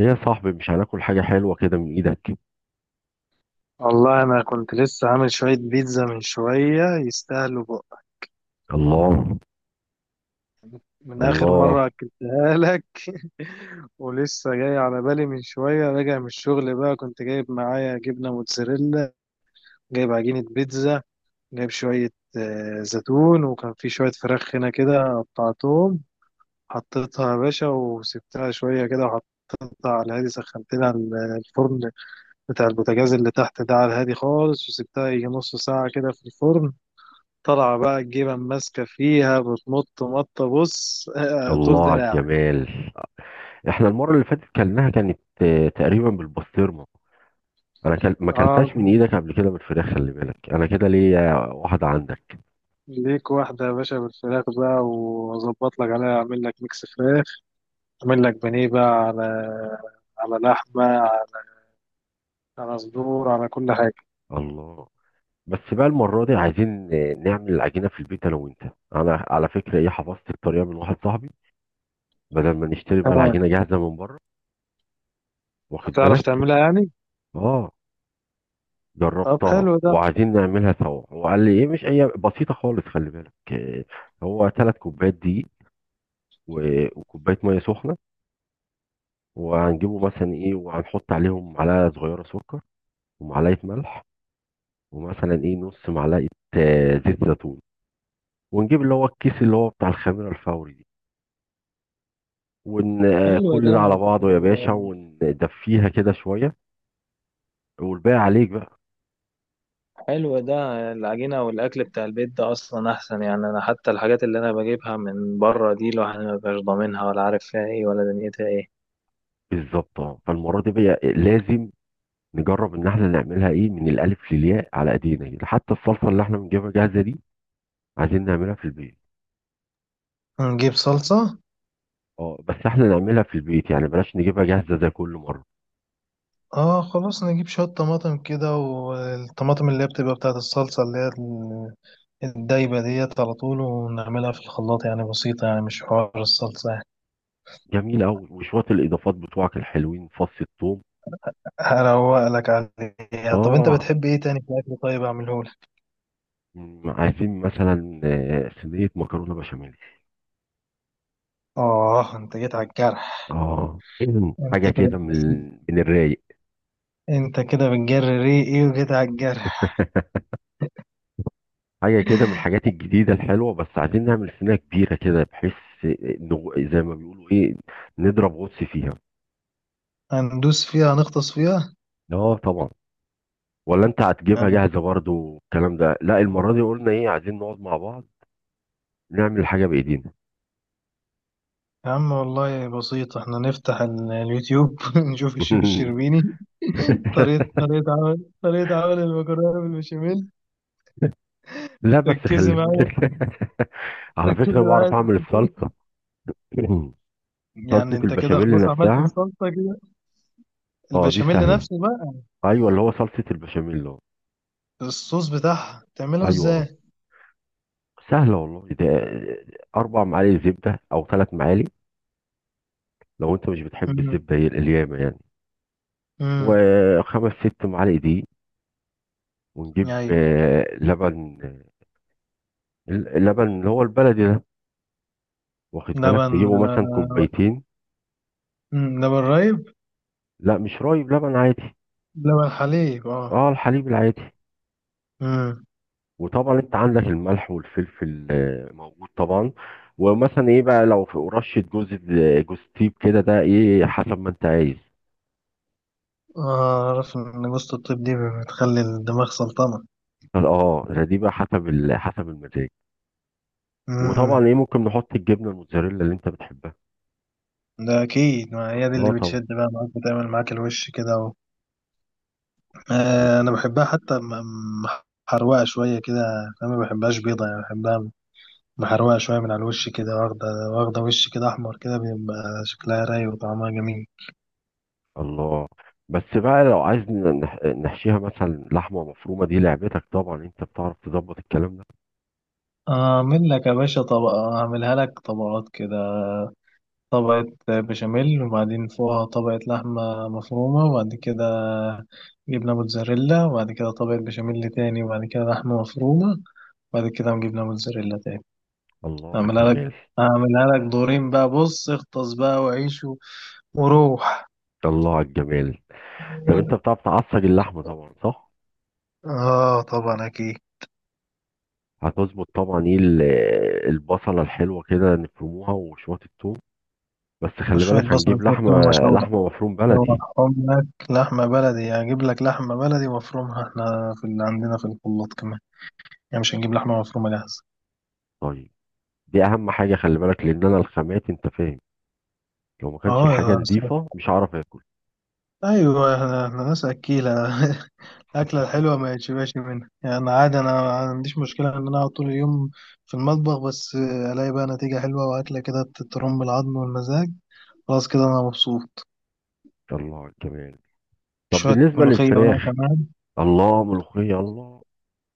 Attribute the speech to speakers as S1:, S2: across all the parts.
S1: ايه يا صاحبي، مش هناكل حاجة حلوة كده من ايدك؟
S2: والله انا كنت لسه عامل شويه بيتزا من شويه يستاهلوا بقى.
S1: الله.
S2: من اخر مره
S1: الله.
S2: اكلتها لك. ولسه جاي على بالي، من شويه راجع من الشغل بقى، كنت جايب معايا جبنه موتزاريلا، جايب عجينه بيتزا، جايب شويه زيتون، وكان في شويه فراخ هنا كده قطعتهم، حطيتها يا باشا وسبتها شويه كده وحطيتها على الهادي. سخنت لها الفرن بتاع البوتاجاز اللي تحت ده على الهادي خالص، وسبتها يجي نص ساعه كده في الفرن. طالعة بقى الجبن ماسكة فيها بتمط مطة، بص طول
S1: الله على
S2: دراعك.
S1: الجمال. احنا المرة اللي فاتت كلناها كانت تقريبا بالبسطرمة. انا ما
S2: اه،
S1: كلتهاش من ايدك قبل كده بالفراخ، خلي بالك انا كده ليا واحدة عندك.
S2: ليك واحدة يا باشا بالفراخ بقى، وأظبط لك عليها، أعمل لك ميكس فراخ، أعمل لك بانيه بقى على لحمة، على صدور، على كل حاجة.
S1: الله. بس بقى المرة دي عايزين نعمل العجينة في البيت انا وانت. انا على فكرة ايه، حفظت الطريقة من واحد صاحبي، بدل ما نشتري بقى
S2: آه.
S1: العجينة جاهزة من بره. واخد
S2: هتعرف
S1: بالك؟
S2: تعملها يعني؟
S1: اه،
S2: طب
S1: جربتها
S2: حلو ده.
S1: وعايزين نعملها سوا. هو قال لي ايه، مش هي بسيطه خالص، خلي بالك. هو 3 كوبايات دقيق، و- وكوبايه ميه سخنه، وهنجيبه مثلا ايه، وهنحط عليهم معلقه صغيره سكر، ومعلقه ملح، ومثلا ايه نص معلقه زيت زيتون، ونجيب اللي هو الكيس اللي هو بتاع الخميره الفوري دي، ون آه،
S2: حلو
S1: كل
S2: ده.
S1: ده على بعضه يا باشا، وندفيها كده شويه. والباقي عليك بقى.
S2: حلو ده. العجينة والأكل بتاع البيت ده أصلا أحسن يعني. أنا حتى الحاجات اللي أنا بجيبها من بره دي، الواحد مبيبقاش ضامنها ولا عارف فيها إيه ولا دنيتها إيه.
S1: بالظبط، اه، فالمره دي بقى لازم نجرب ان احنا نعملها ايه من الالف للياء على ايدينا كده. حتى الصلصه اللي احنا بنجيبها جاهزه دي عايزين نعملها في البيت.
S2: نجيب صلصة.
S1: اه، بس احنا نعملها في البيت يعني، بلاش نجيبها جاهزه زي كل مره.
S2: اه خلاص، نجيب شوية طماطم كده، والطماطم اللي هي بتبقى بتاعة الصلصة اللي هي الدايبة ديت، على طول ونعملها في الخلاط، يعني بسيطة يعني، مش حوار الصلصة يعني.
S1: جميل قوي، وشويه الاضافات بتوعك الحلوين، فص الثوم.
S2: هروق لك عليها. طب انت
S1: اه،
S2: بتحب ايه تاني في الأكل؟ طيب اعملهولك.
S1: عايزين مثلا صينيه مكرونه بشاميل.
S2: اه انت جيت على الجرح.
S1: اه، إذن
S2: انت
S1: حاجه
S2: كده
S1: كده من الرايق.
S2: انت كده بتجري ريقي، ايه وجيت على الجرح.
S1: حاجه كده من الحاجات الجديده الحلوه، بس عايزين نعمل صينيه كبيره كده بحيث إنه زي ما بيقولوا ايه، نضرب غطس فيها.
S2: هندوس فيها، هنغطس فيها.
S1: اه طبعا. ولا انت هتجيبها
S2: أنا-
S1: جاهزه برضو والكلام ده؟ لا، المره دي قلنا ايه، عايزين نقعد مع بعض نعمل حاجه بايدينا.
S2: يا عم والله بسيط، احنا نفتح اليوتيوب نشوف الشيف الشربيني طريقة عمل المكرونة بالبشاميل.
S1: لا بس
S2: ركزي
S1: خلي
S2: معايا
S1: بالك. على فكره
S2: ركزي
S1: بعرف
S2: معايا في
S1: اعمل
S2: التفاصيل.
S1: الصلصه.
S2: يعني
S1: صلصه
S2: انت كده
S1: البشاميل
S2: خلاص عملت
S1: نفسها.
S2: الصلصة كده.
S1: اه، دي
S2: البشاميل
S1: سهله.
S2: نفسه بقى،
S1: ايوه، اللي هو صلصه البشاميل. اه.
S2: الصوص بتاعها تعمله
S1: ايوه، اه.
S2: ازاي؟
S1: سهله والله ده. 4 معالق زبده او 3 معالق، لو انت مش بتحب
S2: امم
S1: الزبده، هي اليامه يعني.
S2: امم،
S1: وخمس ست معالق دي، ونجيب
S2: يعني
S1: لبن، اللبن اللي هو البلدي ده، واخد بالك،
S2: لبن
S1: نجيبه مثلا 2 كوبايه.
S2: لبن رايب؟
S1: لا، مش رايب، لبن عادي.
S2: لبن حليب اه.
S1: اه، الحليب العادي.
S2: امم.
S1: وطبعا انت عندك الملح والفلفل موجود طبعا. ومثلا ايه بقى لو في رشة جوز تيب كده، ده ايه حسب ما انت عايز.
S2: اعرف ان جوزة الطيب دي بتخلي الدماغ سلطنة.
S1: اه، دي بقى حسب المزاج.
S2: امم.
S1: وطبعا ايه ممكن نحط الجبنة الموتزاريلا اللي انت بتحبها.
S2: ده اكيد، ما هي دي اللي
S1: اه طبعا.
S2: بتشد بقى معاك، بتعمل معاك الوش كده.
S1: وت-
S2: انا بحبها حتى م- محروقه شويه كده. انا ما بحبهاش بيضه، يعني بحبها محروقه شويه من على الوش كده، واخده واخده وش كده احمر كده، بيبقى شكلها رايق وطعمها جميل.
S1: الله. بس بقى لو عايز نحشيها مثلا لحمة مفرومة، دي لعبتك طبعا، انت بتعرف تظبط الكلام ده.
S2: اعمل لك يا باشا طبقه، اعملها لك طبقات كده، طبقه بشاميل وبعدين فوقها طبقه لحمه مفرومه، وبعد كده جبنه موتزاريلا، وبعد كده طبقه بشاميل تاني، وبعد كده لحمه مفرومه، وبعد كده جبنه موتزاريلا تاني.
S1: الله على
S2: اعملها لك
S1: الجمال.
S2: اعملها لك دورين بقى، بص اغطس بقى وعيش وروح.
S1: الله على الجمال. طب انت بتعرف تعصج اللحمه طبعا، صح؟
S2: اه طبعا اكيد.
S1: هتظبط طبعا ايه البصله الحلوه كده نفرموها، وشويه الثوم. بس خلي
S2: شوية
S1: بالك
S2: بصل،
S1: هنجيب
S2: شوية ثوم،
S1: لحمه، لحمه مفروم بلدي.
S2: اشوحهم لك. لحمة بلدي هجيب لك لحمة بلدي وافرمها احنا في اللي عندنا في الخلاط كمان، يعني مش هنجيب لحمة مفرومة جاهزة.
S1: طيب. دي اهم حاجه خلي بالك، لان انا الخامات انت فاهم، لو ما كانش
S2: اه
S1: الحاجه
S2: يا سلام.
S1: نظيفه مش هعرف اكل.
S2: ايوه، احنا ناس اكيلة. الأكلة الحلوة ما يتشبعش منها يعني، عادي أنا ما عنديش مشكلة إن أنا أقعد طول اليوم في المطبخ، بس ألاقي بقى نتيجة حلوة وأكلة كده، ترم العظم والمزاج. خلاص كده أنا مبسوط.
S1: الله على الجمال. طب
S2: شوية
S1: بالنسبه
S2: ملوخية بقى
S1: للفراخ.
S2: كمان.
S1: الله، ملوخيه، الله.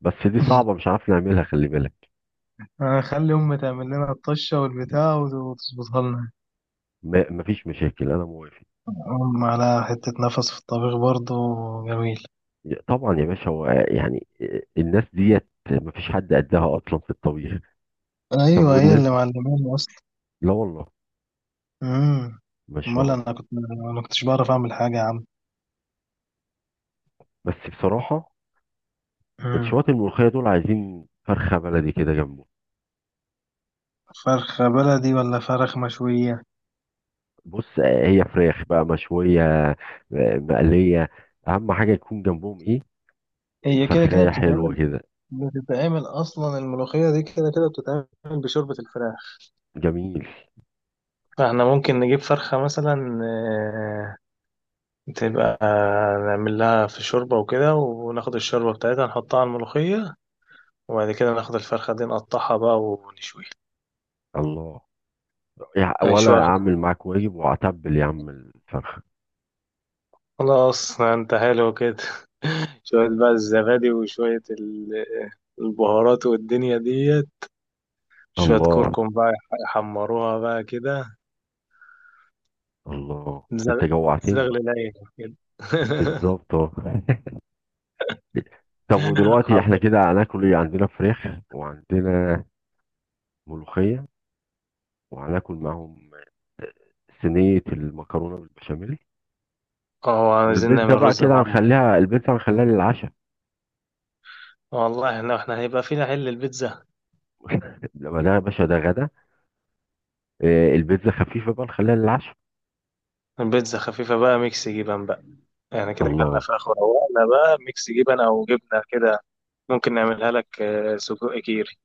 S1: بس دي صعبه مش عارف نعملها خلي بالك.
S2: خلي أمي تعمل لنا الطشة والبتاع وتظبطها لنا.
S1: مفيش مشاكل، انا موافق.
S2: أم على حتة نفس في الطبيخ برضو. جميل.
S1: طبعا يا باشا، هو يعني الناس ديت مفيش حد قدها اصلا في الطبيخ. طب
S2: أيوة هي
S1: والناس.
S2: اللي معلماني أصلا.
S1: لا والله.
S2: أمم.
S1: ما
S2: أمال
S1: شاء الله.
S2: أنا كنتش بعرف أعمل حاجة يا عم.
S1: بس بصراحه
S2: أمم.
S1: الشواطئ الملوخيه دول عايزين فرخه بلدي كده جنبه.
S2: فرخة بلدي ولا فرخ مشوية؟
S1: بص، هي فراخ بقى مشويه، آه، مقليه. اهم حاجه يكون جنبهم ايه،
S2: هي كده كده
S1: فرخايه حلوه
S2: بتتعمل.
S1: كده.
S2: بتتعمل أصلا الملوخية دي كده كده بتتعمل بشوربة الفراخ،
S1: جميل.
S2: فاحنا ممكن نجيب فرخة مثلا تبقى نعمل لها في شوربة وكده، وناخد الشوربة بتاعتها نحطها على الملوخية، وبعد كده ناخد الفرخة دي نقطعها بقى ونشويها.
S1: الله. وانا
S2: نشويها.
S1: اعمل معاك واجب واعتبل يا عم الفرخه.
S2: خلاص انت حلو كده. شوية بقى الزبادي وشوية البهارات والدنيا ديت، شوية
S1: الله.
S2: كركم بقى، يحمروها بقى كده.
S1: الله انت
S2: زغ-
S1: جوعتني.
S2: زغل العين كده.
S1: بالظبط، اه. طب ودلوقتي
S2: حب-
S1: احنا كده هناكل ايه؟ عندنا فراخ، وعندنا ملوخية، وهناكل معاهم صينية المكرونة بالبشاميل.
S2: اه عايزين
S1: والبيتزا
S2: نعمل
S1: بقى
S2: رز
S1: كده
S2: معمر.
S1: هنخليها، البيتزا هنخليها للعشاء.
S2: والله احنا هيبقى فينا حل البيتزا.
S1: لما ده يا باشا ده غدا. البيتزا خفيفة بقى نخليها للعشاء.
S2: البيتزا خفيفة بقى، ميكس جبن بقى يعني، كده كلنا
S1: الله.
S2: فراخ وروقنا بقى، ميكس جبن او جبنة كده. ممكن نعملها لك سجق كيري.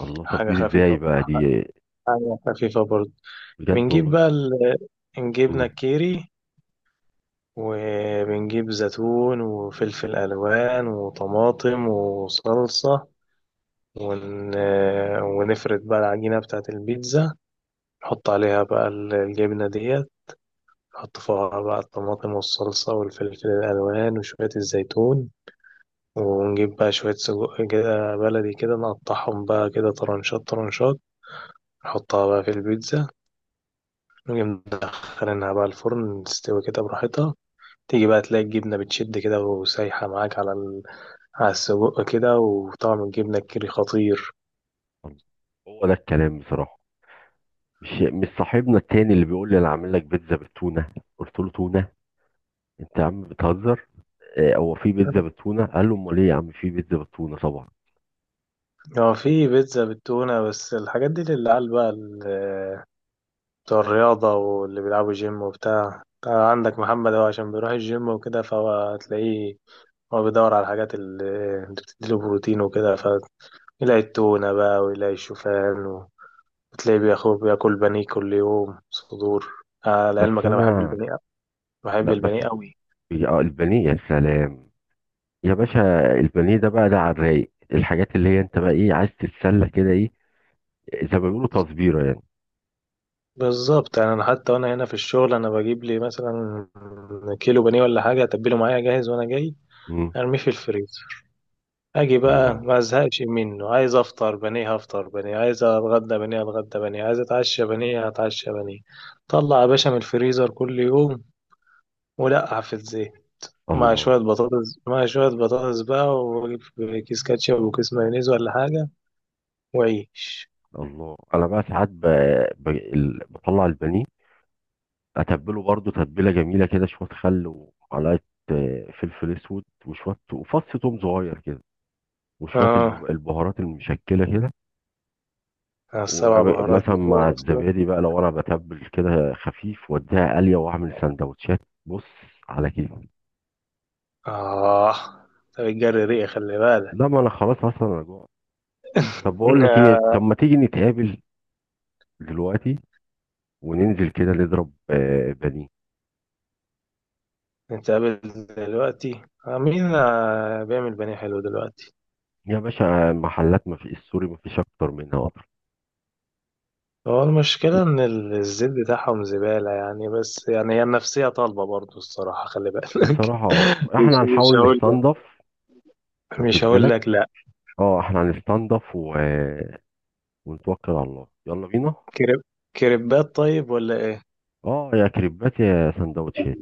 S1: الله، طب
S2: حاجة
S1: دي ازاي
S2: خفيفة.
S1: بقى دي؟
S2: حاجة خفيفة برضه.
S1: بجد
S2: بنجيب
S1: والله؟
S2: بقى نجيب
S1: مم.
S2: نكيري، وبنجيب زيتون وفلفل ألوان وطماطم وصلصة، ون... آه، ونفرد بقى العجينة بتاعة البيتزا، نحط عليها بقى الجبنة ديت، نحط فوقها بقى الطماطم والصلصة والفلفل الألوان وشوية الزيتون، ونجيب بقى شوية سجق كده بلدي كده، نقطعهم بقى كده طرنشات طرنشات، نحطها بقى في البيتزا، ونجي مدخلينها بقى الفرن تستوي كده براحتها. تيجي بقى تلاقي الجبنة بتشد كده وسايحة معاك على على السجق كده، وطعم الجبنة الكيري خطير.
S1: هو ده الكلام بصراحة. مش صاحبنا التاني اللي بيقول لي انا عامل لك بيتزا بالتونة؟ قلت له تونة؟ انت يا عم بتهزر. هو في بيتزا بالتونه، قال له امال ايه يا عم، في بيتزا بالتونه طبعا.
S2: هو في بيتزا بالتونة، بس الحاجات دي للعيال بقى، بتوع الرياضة واللي بيلعبوا جيم وبتاع. أنت عندك محمد هو عشان بيروح الجيم وكده، فهو هتلاقيه هو بيدور على الحاجات اللي بتديله بروتين وكده، فيلاقي التونة بقى ويلاقي الشوفان. بتلاقيه بياخد بياكل بانيه كل يوم صدور. آه
S1: بس
S2: لعلمك انا بحب
S1: انا.
S2: البانيه. بحب
S1: لا بس.
S2: البانيه قوي.
S1: البانيه يا سلام. يا باشا، البانيه ده بقى، ده على الرايق، الحاجات اللي هي انت بقى ايه عايز تتسلى كده ايه، زي ما بيقولوا تصبيره يعني.
S2: بالظبط، يعني انا حتى وانا هنا في الشغل، انا بجيب لي مثلا كيلو بانيه ولا حاجه، اتبله معايا جاهز وانا جاي
S1: مم.
S2: ارميه في الفريزر. اجي بقى
S1: الله.
S2: ما ازهقش منه، عايز افطر بانيه هفطر بانيه، عايز اتغدى بانيه اتغدى بانيه، عايز اتعشى بانيه هتعشى بانيه. طلع يا باشا من الفريزر كل يوم ولقع في الزيت، مع شويه
S1: الله.
S2: بطاطس، مع شويه بطاطس بقى، وكيس كاتشب وكيس مايونيز ولا حاجه، وعيش.
S1: الله انا بقى ساعات بطلع البانيه، اتبله برضو تتبيله جميله كده، شويه خل، ومعلقه فلفل اسود، وشويه وفص توم صغير كده، وشويه
S2: اه
S1: البهارات المشكله كده.
S2: السبع بهارات
S1: ومثلا مع
S2: بتوع اصلا.
S1: الزبادي بقى لو انا بتبل كده خفيف، واديها قليه، واعمل سندوتشات. بص، على كيف.
S2: اه طب الجري ريقي خلي بالك.
S1: لا، ما انا خلاص اصلا انا جوع. طب بقول لك ايه،
S2: آه.
S1: طب ما تيجي نتقابل دلوقتي، وننزل كده نضرب بانيه؟
S2: نتقابل دلوقتي. آه. مين بيعمل بانيه حلو دلوقتي؟
S1: يا باشا، المحلات ما في السوري ما فيش اكتر منها اكتر.
S2: هو المشكلة ان الزيت بتاعهم زبالة يعني، بس يعني هي النفسية طالبة برضو الصراحة خلي بالك.
S1: بصراحه
S2: مش
S1: احنا
S2: مش
S1: هنحاول
S2: هقول لك.
S1: نستنضف.
S2: مش
S1: واخد
S2: هقول
S1: بالك؟
S2: لك لا.
S1: اه، احنا هنستنضف ونتوكل على الله، يلا بينا.
S2: كريب كريبات طيب ولا ايه؟
S1: اه، يا كريبات يا سندوتشات.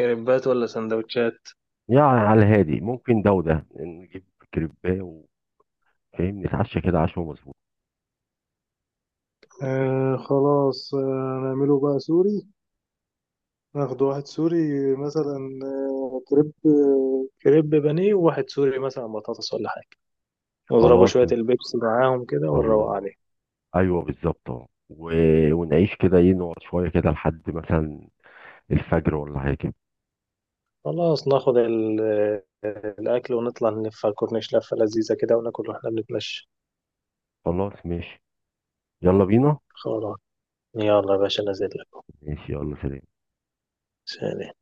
S2: كريبات ولا سندوتشات؟
S1: يعني على الهادي ممكن، ده وده نجيب كريباه، وفاهم نتعشى كده عشوة مظبوط.
S2: آه خلاص آه. نعمله بقى سوري، ناخد واحد سوري مثلا، كريب بانيه، وواحد سوري مثلا بطاطس ولا حاجة. ونضربوا
S1: خلاص.
S2: شوية البيبسي معاهم كده ونروق
S1: الله.
S2: عليه.
S1: ايوه، بالظبط، اه، و- ونعيش كده ايه، نقعد شوية كده لحد مثلا الفجر ولا حاجة كده.
S2: خلاص ناخد الأكل، ونطلع نلف على الكورنيش لفة لذيذة كده، وناكل واحنا بنتمشى.
S1: خلاص، ماشي. يلا بينا.
S2: خلاص يلا يا باشا نازل لكم.
S1: ماشي، يلا سلام.
S2: سلام